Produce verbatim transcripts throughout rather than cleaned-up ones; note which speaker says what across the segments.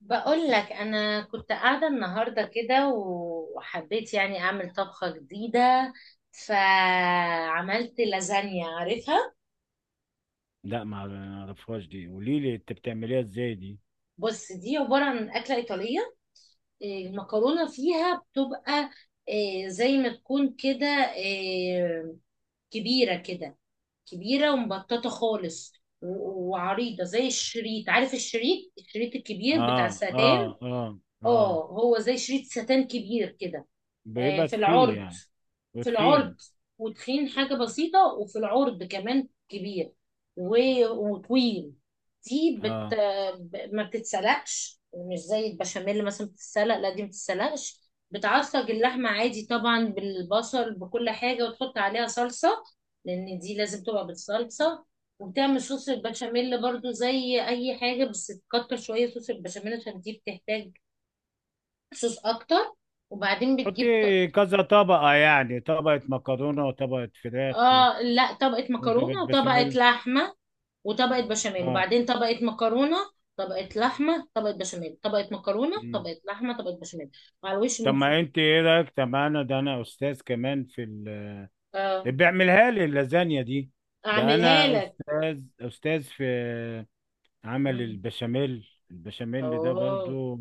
Speaker 1: بقول لك انا كنت قاعده النهارده كده وحبيت يعني اعمل طبخه جديده. فعملت لازانيا، عارفها؟
Speaker 2: لا، ما ما اعرفهاش دي. قولي لي انت بتعمليها ازاي دي.
Speaker 1: بص، دي عباره عن اكله ايطاليه. إيه، المكرونه فيها بتبقى إيه، زي ما تكون كده، إيه، كبيره كده، كبيره ومبططه خالص، و- وعريضه زي الشريط. عارف الشريط الشريط الكبير بتاع
Speaker 2: اه، اه،
Speaker 1: الستان؟
Speaker 2: اه، اه.
Speaker 1: اه، هو زي شريط ستان كبير كده. آه،
Speaker 2: بيبقى
Speaker 1: في
Speaker 2: تخين
Speaker 1: العرض،
Speaker 2: يعني.
Speaker 1: في العرض
Speaker 2: وتخين.
Speaker 1: وتخين حاجة بسيطة وفي العرض كمان كبير، و- وطويل. دي بت...
Speaker 2: اه.
Speaker 1: ب- ما بتتسلقش، مش زي البشاميل مثلا بتتسلق، لا دي ما بتتسلقش. بتعصج اللحمة عادي طبعا بالبصل بكل حاجة وتحط عليها صلصة، لأن دي لازم تبقى بالصلصة. وبتعمل صوص البشاميل برضو زي أي حاجة، بس تكتر شوية صوص البشاميل عشان دي بتحتاج صوص أكتر. وبعدين بتجيب.
Speaker 2: تحطي كذا طبقة يعني طبقة مكرونة وطبقة فراخ و-
Speaker 1: اه، لا، طبقة
Speaker 2: وطبقة
Speaker 1: مكرونة وطبقة
Speaker 2: بشاميل.
Speaker 1: لحمة، وطبقة بشاميل،
Speaker 2: اه.
Speaker 1: وبعدين طبقة مكرونة، طبقة لحمة، طبقة بشاميل، طبقة مكرونة،
Speaker 2: مم.
Speaker 1: طبقة لحمة، طبقة بشاميل. وعلى الوش
Speaker 2: طب
Speaker 1: من فوق.
Speaker 2: ما انت ايه رايك؟ طب انا، ده انا استاذ كمان في ال...
Speaker 1: اه،
Speaker 2: بيعملها لي اللازانيا دي. ده
Speaker 1: اعملها
Speaker 2: انا
Speaker 1: لك.
Speaker 2: استاذ استاذ في عمل
Speaker 1: مم.
Speaker 2: البشاميل البشاميل ده
Speaker 1: اوه.
Speaker 2: برضو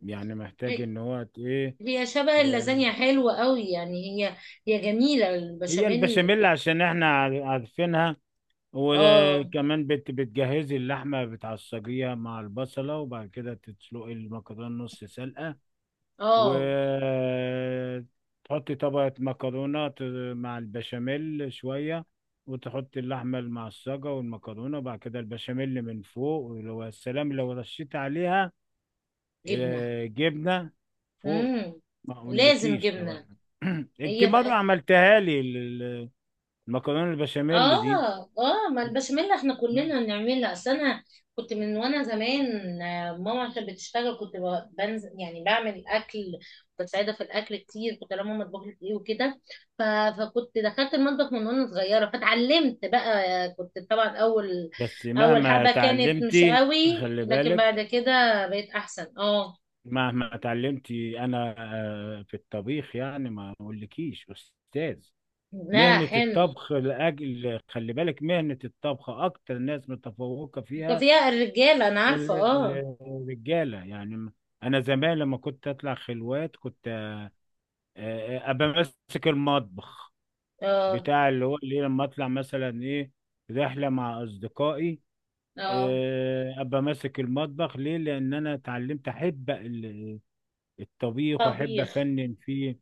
Speaker 2: يعني. محتاج
Speaker 1: هي
Speaker 2: ان هو ت- ايه
Speaker 1: هي شبه
Speaker 2: آه،
Speaker 1: اللازانيا، حلوة قوي يعني. هي، هي جميلة
Speaker 2: هي
Speaker 1: البشاميل.
Speaker 2: البشاميل عشان احنا عار- عارفينها.
Speaker 1: اه،
Speaker 2: وكمان بت بتجهزي اللحمه، بتعصجيها مع البصله، وبعد كده تسلقي المكرونه نص سلقه،
Speaker 1: اه،
Speaker 2: وتحطي طبقه مكرونه ت- مع البشاميل شويه، وتحطي اللحمه المعصجه والمكرونه، وبعد كده البشاميل من فوق، ولو السلام لو رشيت عليها
Speaker 1: جبنة.
Speaker 2: آه، جبنه فوق.
Speaker 1: مم.
Speaker 2: ما
Speaker 1: لازم
Speaker 2: اقولكيش
Speaker 1: جبنة.
Speaker 2: طبعا. انت
Speaker 1: هي.
Speaker 2: مره عملتها لي ال- ال- المكرونه البشاميل دي.
Speaker 1: اه، اه، ما البشاميل احنا كلنا بنعملها. اصل انا كنت من وانا زمان، آه، ماما عشان بتشتغل كنت ب- بنزل يعني بعمل اكل، بساعدها في الاكل كتير. كنت لما ماما تطبخ لي ايه وكده، ف- فكنت دخلت المطبخ من وانا صغيره فاتعلمت بقى. آه، كنت طبعا اول،
Speaker 2: بس
Speaker 1: اول
Speaker 2: مهما
Speaker 1: حبه كانت مش
Speaker 2: تعلمتي،
Speaker 1: قوي،
Speaker 2: خلي
Speaker 1: لكن
Speaker 2: بالك،
Speaker 1: بعد كده بقيت احسن. اه.
Speaker 2: مهما تعلمتي انا آه، في الطبيخ يعني. ما اقولكيش استاذ.
Speaker 1: لا،
Speaker 2: مهنة
Speaker 1: حلو.
Speaker 2: الطبخ، لأجل خلي بالك، مهنة الطبخ أكتر ناس متفوقة
Speaker 1: كان
Speaker 2: فيها
Speaker 1: فيها الرجاله، انا عارفه.
Speaker 2: ال-
Speaker 1: اه،
Speaker 2: ال- الرجالة يعني. أنا زمان لما كنت أطلع خلوات، كنت آه، آه، ابقى ماسك المطبخ،
Speaker 1: اه،
Speaker 2: بتاع اللي هو اللي لما اطلع مثلا ايه، رحله مع اصدقائي،
Speaker 1: اه،
Speaker 2: آه، ابقى ماسك المطبخ. ليه؟ لان انا اتعلمت احب ال- الطبيخ، واحب
Speaker 1: طبيخ.
Speaker 2: افنن فيه.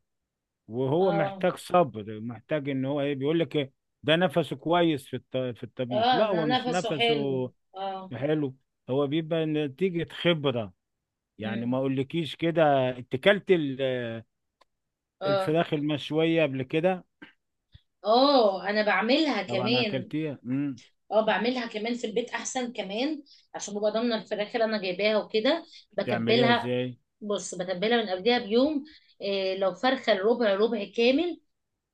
Speaker 2: وهو
Speaker 1: اه،
Speaker 2: محتاج صبر، محتاج ان هو ايه، بيقول لك إيه، ده نفسه كويس في الط- في الطبيخ.
Speaker 1: اه،
Speaker 2: لا، هو
Speaker 1: ن-
Speaker 2: مش
Speaker 1: نفسه حلو.
Speaker 2: نفسه،
Speaker 1: اه،
Speaker 2: حلو. هو بيبقى نتيجه خبره يعني.
Speaker 1: امم.
Speaker 2: ما اقولكيش كده. اتكلت ال-
Speaker 1: اه،
Speaker 2: الفراخ المشويه قبل كده؟
Speaker 1: اه، انا بعملها
Speaker 2: طبعا
Speaker 1: كمان.
Speaker 2: اكلتيها. امم
Speaker 1: اه، بعملها كمان في البيت احسن كمان، عشان ببقى ضامنه الفراخ اللي انا جايباها وكده.
Speaker 2: بتعمليها
Speaker 1: بتبلها.
Speaker 2: ازاي؟
Speaker 1: بص، بتبلها من قبلها بيوم. إيه، لو فرخه ربع، ربع كامل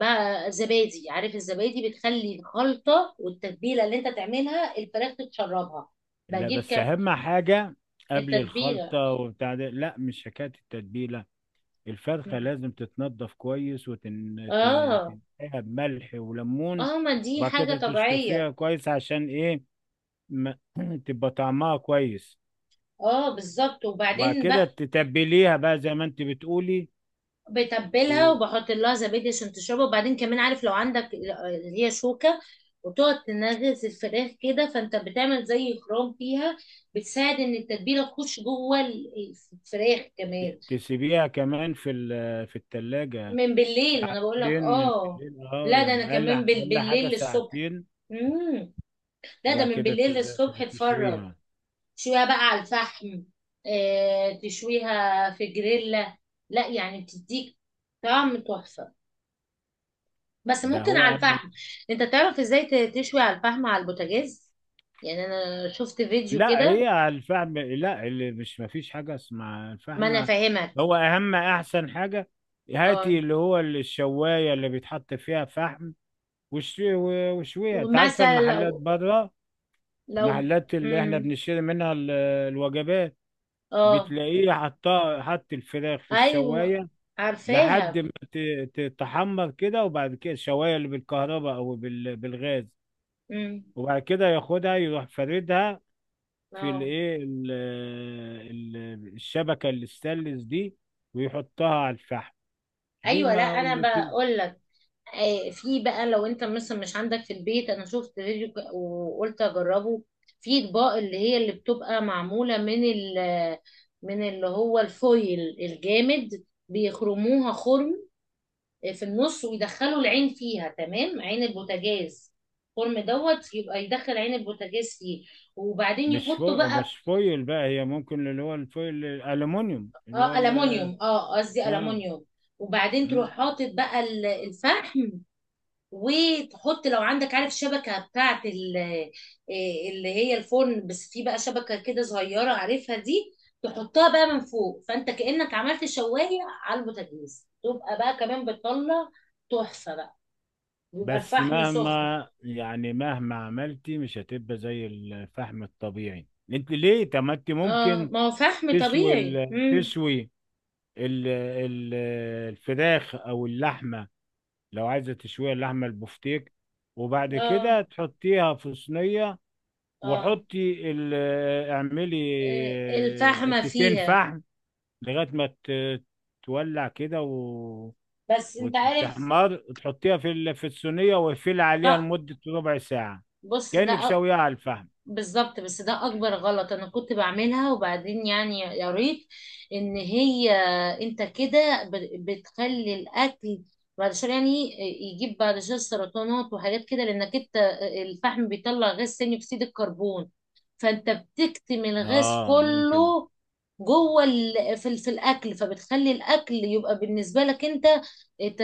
Speaker 1: بقى، زبادي. عارف الزبادي؟ بتخلي الخلطه والتتبيله اللي انت تعملها الفراخ تتشربها.
Speaker 2: لا،
Speaker 1: بجيب
Speaker 2: بس
Speaker 1: كم.
Speaker 2: اهم حاجه، قبل
Speaker 1: التتبيله.
Speaker 2: الخلطه وبتاع ده، لا مش حكايه التتبيله. الفرخه
Speaker 1: مم.
Speaker 2: لازم تتنضف كويس
Speaker 1: اه،
Speaker 2: وتنقيها بملح وليمون،
Speaker 1: اه، ما دي
Speaker 2: وبعد
Speaker 1: حاجه
Speaker 2: كده
Speaker 1: طبيعيه.
Speaker 2: تشطفيها كويس، عشان ايه؟ ما تبقى طعمها كويس.
Speaker 1: اه، بالظبط.
Speaker 2: وبعد
Speaker 1: وبعدين
Speaker 2: كده
Speaker 1: بقى
Speaker 2: تتبليها بقى زي ما انت بتقولي،
Speaker 1: بتبلها وبحط لها زبادي عشان تشربها. وبعدين كمان، عارف لو عندك اللي هي شوكة، وتقعد تنغز الفراخ كده، فانت بتعمل زي خرام فيها، بتساعد ان التتبيلة تخش جوه ال- الفراخ كمان.
Speaker 2: وتسيبيها كمان في ال- في التلاجة
Speaker 1: من بالليل، ما انا بقول لك.
Speaker 2: ساعتين. من
Speaker 1: اه.
Speaker 2: بالليل، اه،
Speaker 1: لا، ده انا
Speaker 2: يعني اقل
Speaker 1: كمان بال-
Speaker 2: اقل
Speaker 1: بالليل
Speaker 2: حاجه
Speaker 1: للصبح.
Speaker 2: ساعتين.
Speaker 1: امم. لا، ده
Speaker 2: وبعد
Speaker 1: من
Speaker 2: كده
Speaker 1: بالليل
Speaker 2: تقدر
Speaker 1: للصبح اتفرج.
Speaker 2: تشويها.
Speaker 1: تشويها بقى على الفحم. آه، تشويها في جريلا؟ لا، يعني بتديك طعم تحفة، بس
Speaker 2: ده
Speaker 1: ممكن
Speaker 2: هو
Speaker 1: على
Speaker 2: انا.
Speaker 1: الفحم. انت تعرف ازاي ت- تشوي على الفحم على البوتاجاز؟ يعني انا شفت فيديو
Speaker 2: لا،
Speaker 1: كده.
Speaker 2: هي الفحم، لا اللي مش، ما فيش حاجه اسمها
Speaker 1: ما انا
Speaker 2: الفحم.
Speaker 1: فاهمك.
Speaker 2: هو اهم احسن حاجه،
Speaker 1: اه،
Speaker 2: هاتي اللي هو الشوايه اللي بيتحط فيها فحم، وش- وشويها. انت عارفه
Speaker 1: ومثلا
Speaker 2: المحلات
Speaker 1: لو،
Speaker 2: بره،
Speaker 1: لو.
Speaker 2: المحلات اللي احنا
Speaker 1: امم.
Speaker 2: بنشتري منها ال- الوجبات،
Speaker 1: اه،
Speaker 2: بتلاقيه حطها، حط الفراخ في
Speaker 1: ايوه،
Speaker 2: الشوايه لحد
Speaker 1: عارفاها.
Speaker 2: ما ت- تتحمر كده، وبعد كده الشوايه اللي بالكهرباء او بال- بالغاز.
Speaker 1: امم.
Speaker 2: وبعد كده ياخدها يروح فاردها في
Speaker 1: اه،
Speaker 2: الايه، ال- ال- الشبكه الاستانلس دي، ويحطها على الفحم. دي
Speaker 1: ايوه. لا
Speaker 2: ما اقول
Speaker 1: انا
Speaker 2: لك ايه.
Speaker 1: بقول لك، آه، في بقى لو انت مثلا مش عندك في البيت. انا شفت فيديو ك- وقلت اجربه، في اطباق اللي هي اللي بتبقى معمولة من ال من اللي هو الفويل الجامد. بيخرموها خرم، آه، في النص، ويدخلوا العين فيها تمام، عين البوتاجاز. الخرم دوت يبقى يدخل عين البوتاجاز فيه. وبعدين
Speaker 2: مش
Speaker 1: يحطوا
Speaker 2: فويل،
Speaker 1: بقى.
Speaker 2: مش فويل بقى، هي ممكن اللي هو الفويل الالومنيوم اللي هو
Speaker 1: اه،
Speaker 2: ال-
Speaker 1: ألمونيوم، اه، قصدي
Speaker 2: اه.
Speaker 1: ألمونيوم. وبعدين تروح
Speaker 2: مم.
Speaker 1: حاطط بقى ال- الفحم. وتحط، لو عندك، عارف شبكة بتاعت ال- إيه، اللي هي الفرن؟ بس في بقى شبكة كده صغيرة، عارفها دي. تحطها بقى من فوق، فانت كأنك عملت شواية على البوتاجاز، تبقى بقى كمان بتطلع تحفة بقى. بيبقى
Speaker 2: بس
Speaker 1: الفحم سخن.
Speaker 2: مهما يعني مهما عملتي، مش هتبقى زي الفحم الطبيعي. انت ليه؟ طب ما انت
Speaker 1: اه،
Speaker 2: ممكن
Speaker 1: ما هو فحم
Speaker 2: تشوي
Speaker 1: طبيعي.
Speaker 2: ال-
Speaker 1: امم.
Speaker 2: تشوي ال- ال- الفراخ او اللحمه، لو عايزة تشويها، اللحمة البفتيك، وبعد
Speaker 1: اه،
Speaker 2: كده تحطيها في صينية،
Speaker 1: اه،
Speaker 2: وحطي ال- آه، اعملي
Speaker 1: إيه،
Speaker 2: آه،
Speaker 1: الفحمة
Speaker 2: حتتين
Speaker 1: فيها.
Speaker 2: فحم لغاية ما ت- تولع كده، و...
Speaker 1: بس انت عارف،
Speaker 2: وتحمر، تحطيها في ال- في الصينية، واقفلي عليها
Speaker 1: لا،
Speaker 2: لمدة ربع ساعة،
Speaker 1: بص،
Speaker 2: كأنك
Speaker 1: ده
Speaker 2: شويها على الفحم.
Speaker 1: بالظبط، بس ده اكبر غلط. انا كنت بعملها وبعدين يعني قريت ان هي انت كده ب- بتخلي الاكل بعد شويه يعني يجيب بعد شويه سرطانات وحاجات كده. لانك انت الفحم بيطلع غاز ثاني اكسيد الكربون، فانت بتكتم الغاز
Speaker 2: اه ممكن.
Speaker 1: كله جوه ال... في, ال... في الاكل، فبتخلي الاكل يبقى بالنسبه لك انت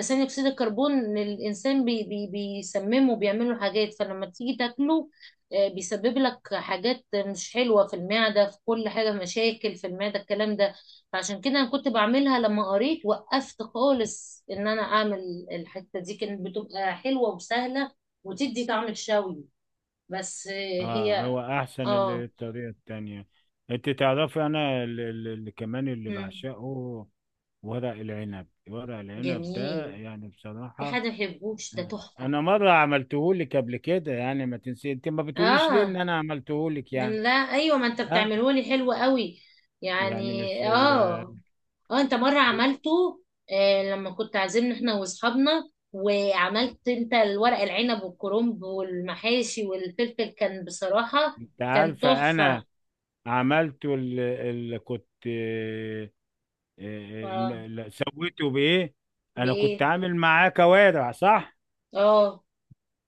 Speaker 1: ثاني اكسيد الكربون. إن الانسان بي... بي... بيسممه، بيعمله حاجات. فلما تيجي تاكله، آه، بيسبب لك حاجات مش حلوه في المعده، في كل حاجه مشاكل في المعده الكلام ده. فعشان كده انا كنت بعملها، لما قريت وقفت خالص ان انا اعمل الحته دي. كانت بتبقى حلوه وسهله وتدي طعم الشوي، بس آه،
Speaker 2: اه،
Speaker 1: هي.
Speaker 2: هو احسن ال-
Speaker 1: اه.
Speaker 2: الطريقة التانية. انت تعرفي انا اللي, اللي كمان اللي
Speaker 1: مم.
Speaker 2: بعشقه، ورق العنب. ورق العنب ده
Speaker 1: جميل.
Speaker 2: يعني
Speaker 1: في حد
Speaker 2: بصراحة
Speaker 1: ما يحبوش، ده
Speaker 2: آه.
Speaker 1: تحفة.
Speaker 2: أنا مرة عملتهولك قبل كده يعني، ما تنسي. أنت ما بتقوليش ليه إن
Speaker 1: اه،
Speaker 2: أنا عملتهولك
Speaker 1: يعني
Speaker 2: يعني.
Speaker 1: لا، ايوه، ما انت
Speaker 2: ها.
Speaker 1: بتعمله لي حلو قوي يعني.
Speaker 2: يعني مش ال...
Speaker 1: اه، اه، انت مرة عملته. آه، لما كنت عازمنا احنا واصحابنا، وعملت انت الورق العنب والكرنب والمحاشي والفلفل كان بصراحة
Speaker 2: أنت
Speaker 1: كان
Speaker 2: عارفة أنا
Speaker 1: تحفة.
Speaker 2: عملته ال... ال... كنت آه، آه، الم-
Speaker 1: اه،
Speaker 2: ال- سويته بإيه؟ أنا كنت
Speaker 1: بايه.
Speaker 2: عامل معاه كوارع، صح؟
Speaker 1: اه،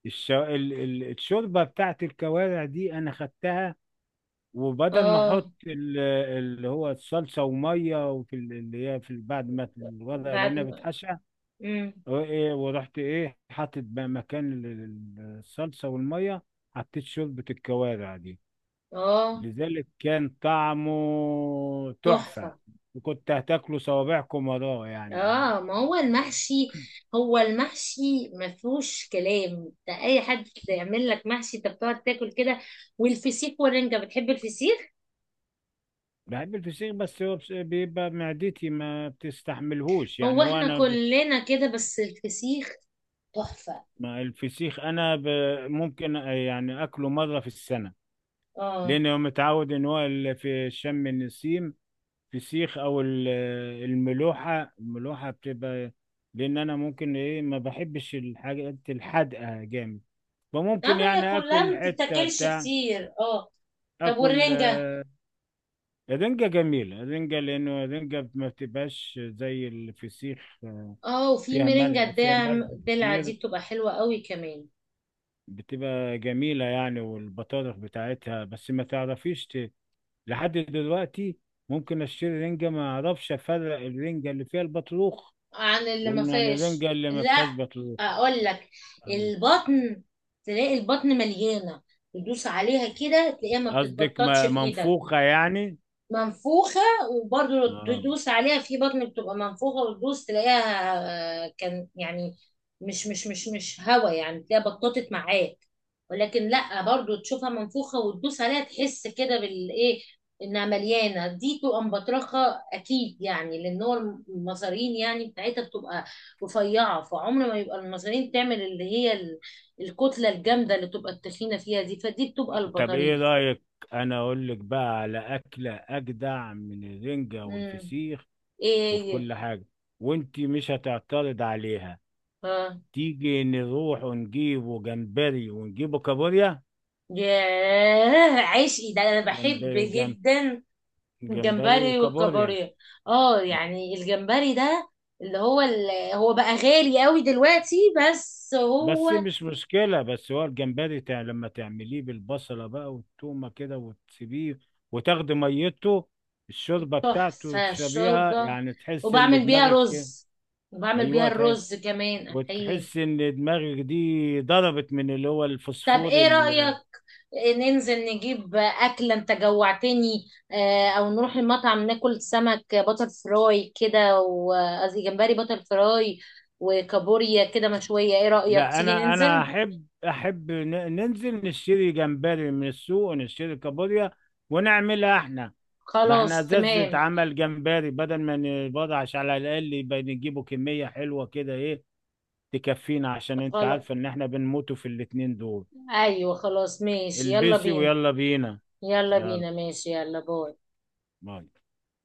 Speaker 2: الش... ال... ال... الشوربة بتاعت الكوارع دي أنا خدتها، وبدل ما
Speaker 1: اه،
Speaker 2: احط ال- اللي هو الصلصه وميه، وفي ال- اللي هي في ال- بعد ما الورق
Speaker 1: بعد
Speaker 2: العنب
Speaker 1: ما.
Speaker 2: اتحشى،
Speaker 1: مم.
Speaker 2: أو إيه، ورحت ايه حاطط بقى مكان ال- ال- الصلصه والميه، حطيت شوربه الكوارع دي.
Speaker 1: اه،
Speaker 2: لذلك كان طعمه تحفه،
Speaker 1: تحفة.
Speaker 2: وكنت هتاكله صوابعكم وراه يعني.
Speaker 1: اه، ما هو المحشي، هو المحشي ما فيهوش كلام. ده اي حد يعمل لك محشي انت بتقعد تاكل كده. والفسيخ والرنجة، بتحب الفسيخ؟
Speaker 2: بحب الفسيخ، بس هو بس- بيبقى معدتي ما بتستحملهوش
Speaker 1: هو
Speaker 2: يعني. هو
Speaker 1: احنا
Speaker 2: انا،
Speaker 1: كلنا كده، بس الفسيخ تحفة.
Speaker 2: ما الفسيخ انا ب- ممكن يعني اكله مره في السنه،
Speaker 1: اه،
Speaker 2: لأنه متعود إن هو ال- في شم النسيم فسيخ أو ال- الملوحة. الملوحة بتبقى، لأن أنا ممكن إيه، ما بحبش الحاجات الحادقة جامد، فممكن
Speaker 1: اما هي
Speaker 2: يعني
Speaker 1: كلها
Speaker 2: آكل
Speaker 1: ما
Speaker 2: حتة
Speaker 1: بتتاكلش
Speaker 2: بتاع،
Speaker 1: كتير. اه، طب،
Speaker 2: آكل
Speaker 1: والرنجة؟
Speaker 2: آه، الرنجة جميلة. الرنجة لأنه الرنجة ما بتبقاش زي الفسيخ،
Speaker 1: اه، وفي
Speaker 2: فيها
Speaker 1: مرنجة
Speaker 2: ملح، فيها
Speaker 1: الدلع،
Speaker 2: ملح
Speaker 1: الدلع دي
Speaker 2: كتير،
Speaker 1: بتبقى حلوة قوي كمان.
Speaker 2: بتبقى جميلة يعني، والبطارخ بتاعتها. بس ما تعرفيش لحد دلوقتي، ممكن اشتري رنجة ما اعرفش افرق الرنجة اللي فيها البطروخ،
Speaker 1: عن اللي ما
Speaker 2: وان انا
Speaker 1: فيهاش،
Speaker 2: الرنجة اللي ما
Speaker 1: لا،
Speaker 2: فيهاش بطروخ
Speaker 1: اقول لك،
Speaker 2: يعني.
Speaker 1: البطن. تلاقي البطن مليانه، تدوس عليها كده تلاقيها ما
Speaker 2: قصدك
Speaker 1: بتتبططش
Speaker 2: ما-
Speaker 1: في ايدك.
Speaker 2: منفوخة يعني؟
Speaker 1: منفوخة. وبرضه
Speaker 2: آه.
Speaker 1: تدوس عليها في بطن بتبقى منفوخة وتدوس تلاقيها، آه، كان يعني مش مش مش مش هوا يعني تلاقيها بططت معاك. ولكن لا، برضه تشوفها منفوخة وتدوس عليها تحس كده بالايه انها مليانة، دي تبقى مبطرخة اكيد. يعني لان هو المصارين يعني بتاعتها بتبقى رفيعة، فعمر ما يبقى المصارين تعمل اللي هي ال- الكتلة الجامدة اللي تبقى التخينة فيها دي، فدي بتبقى
Speaker 2: طب ايه
Speaker 1: البطاريخ.
Speaker 2: رأيك، انا اقول لك بقى على اكلة اجدع من الرنجة
Speaker 1: امم.
Speaker 2: والفسيخ
Speaker 1: ايه
Speaker 2: وفي
Speaker 1: هي؟
Speaker 2: كل حاجة، وانتي مش هتعترض عليها.
Speaker 1: اه.
Speaker 2: تيجي نروح ونجيبه جمبري ونجيبه كابوريا.
Speaker 1: ياه، عشقي ده، انا بحب
Speaker 2: جمبري جم...
Speaker 1: جدا.
Speaker 2: جمبري
Speaker 1: الجمبري
Speaker 2: وكابوريا.
Speaker 1: والكابوريا. اه، يعني الجمبري ده اللي هو اللي هو بقى غالي قوي دلوقتي، بس هو
Speaker 2: بس مش مشكلة، بس هو الجمبري تع... لما تعمليه بالبصلة بقى والتومة كده، وتسيبيه وتاخدي ميته، الشوربة بتاعته
Speaker 1: تحفة
Speaker 2: وتشربيها،
Speaker 1: الشوربة.
Speaker 2: يعني تحس ان
Speaker 1: وبعمل بيها
Speaker 2: دماغك إيه؟
Speaker 1: رز، وبعمل بيها
Speaker 2: ايوه، تع-
Speaker 1: الرز كمان، احيه.
Speaker 2: وتحس ان دماغك دي ضربت من اللي هو
Speaker 1: طب،
Speaker 2: الفوسفور.
Speaker 1: ايه رأيك ننزل نجيب أكلة؟ انت جوعتني. آه، او نروح المطعم ناكل سمك باتر فراي كده، وقصدي جمبري باتر فراي وكابوريا كده مشوية. ايه رأيك
Speaker 2: لا،
Speaker 1: تيجي
Speaker 2: انا انا
Speaker 1: ننزل؟
Speaker 2: احب احب ن- ننزل نشتري جمبري من السوق ونشتري كابوريا، ونعملها احنا. ما احنا
Speaker 1: خلاص،
Speaker 2: ازاز
Speaker 1: تمام.
Speaker 2: اتعمل جمبري، بدل ما نبضعش، على الاقل يبقى نجيبه كمية حلوة كده، ايه، تكفينا، عشان انت
Speaker 1: خلاص،
Speaker 2: عارفة ان احنا بنموتوا في الاتنين دول.
Speaker 1: ايوه، خلاص ماشي، يلا
Speaker 2: البسي
Speaker 1: بينا.
Speaker 2: ويلا بينا.
Speaker 1: يلا
Speaker 2: يلا،
Speaker 1: بينا، ماشي، يلا، باي.
Speaker 2: باي.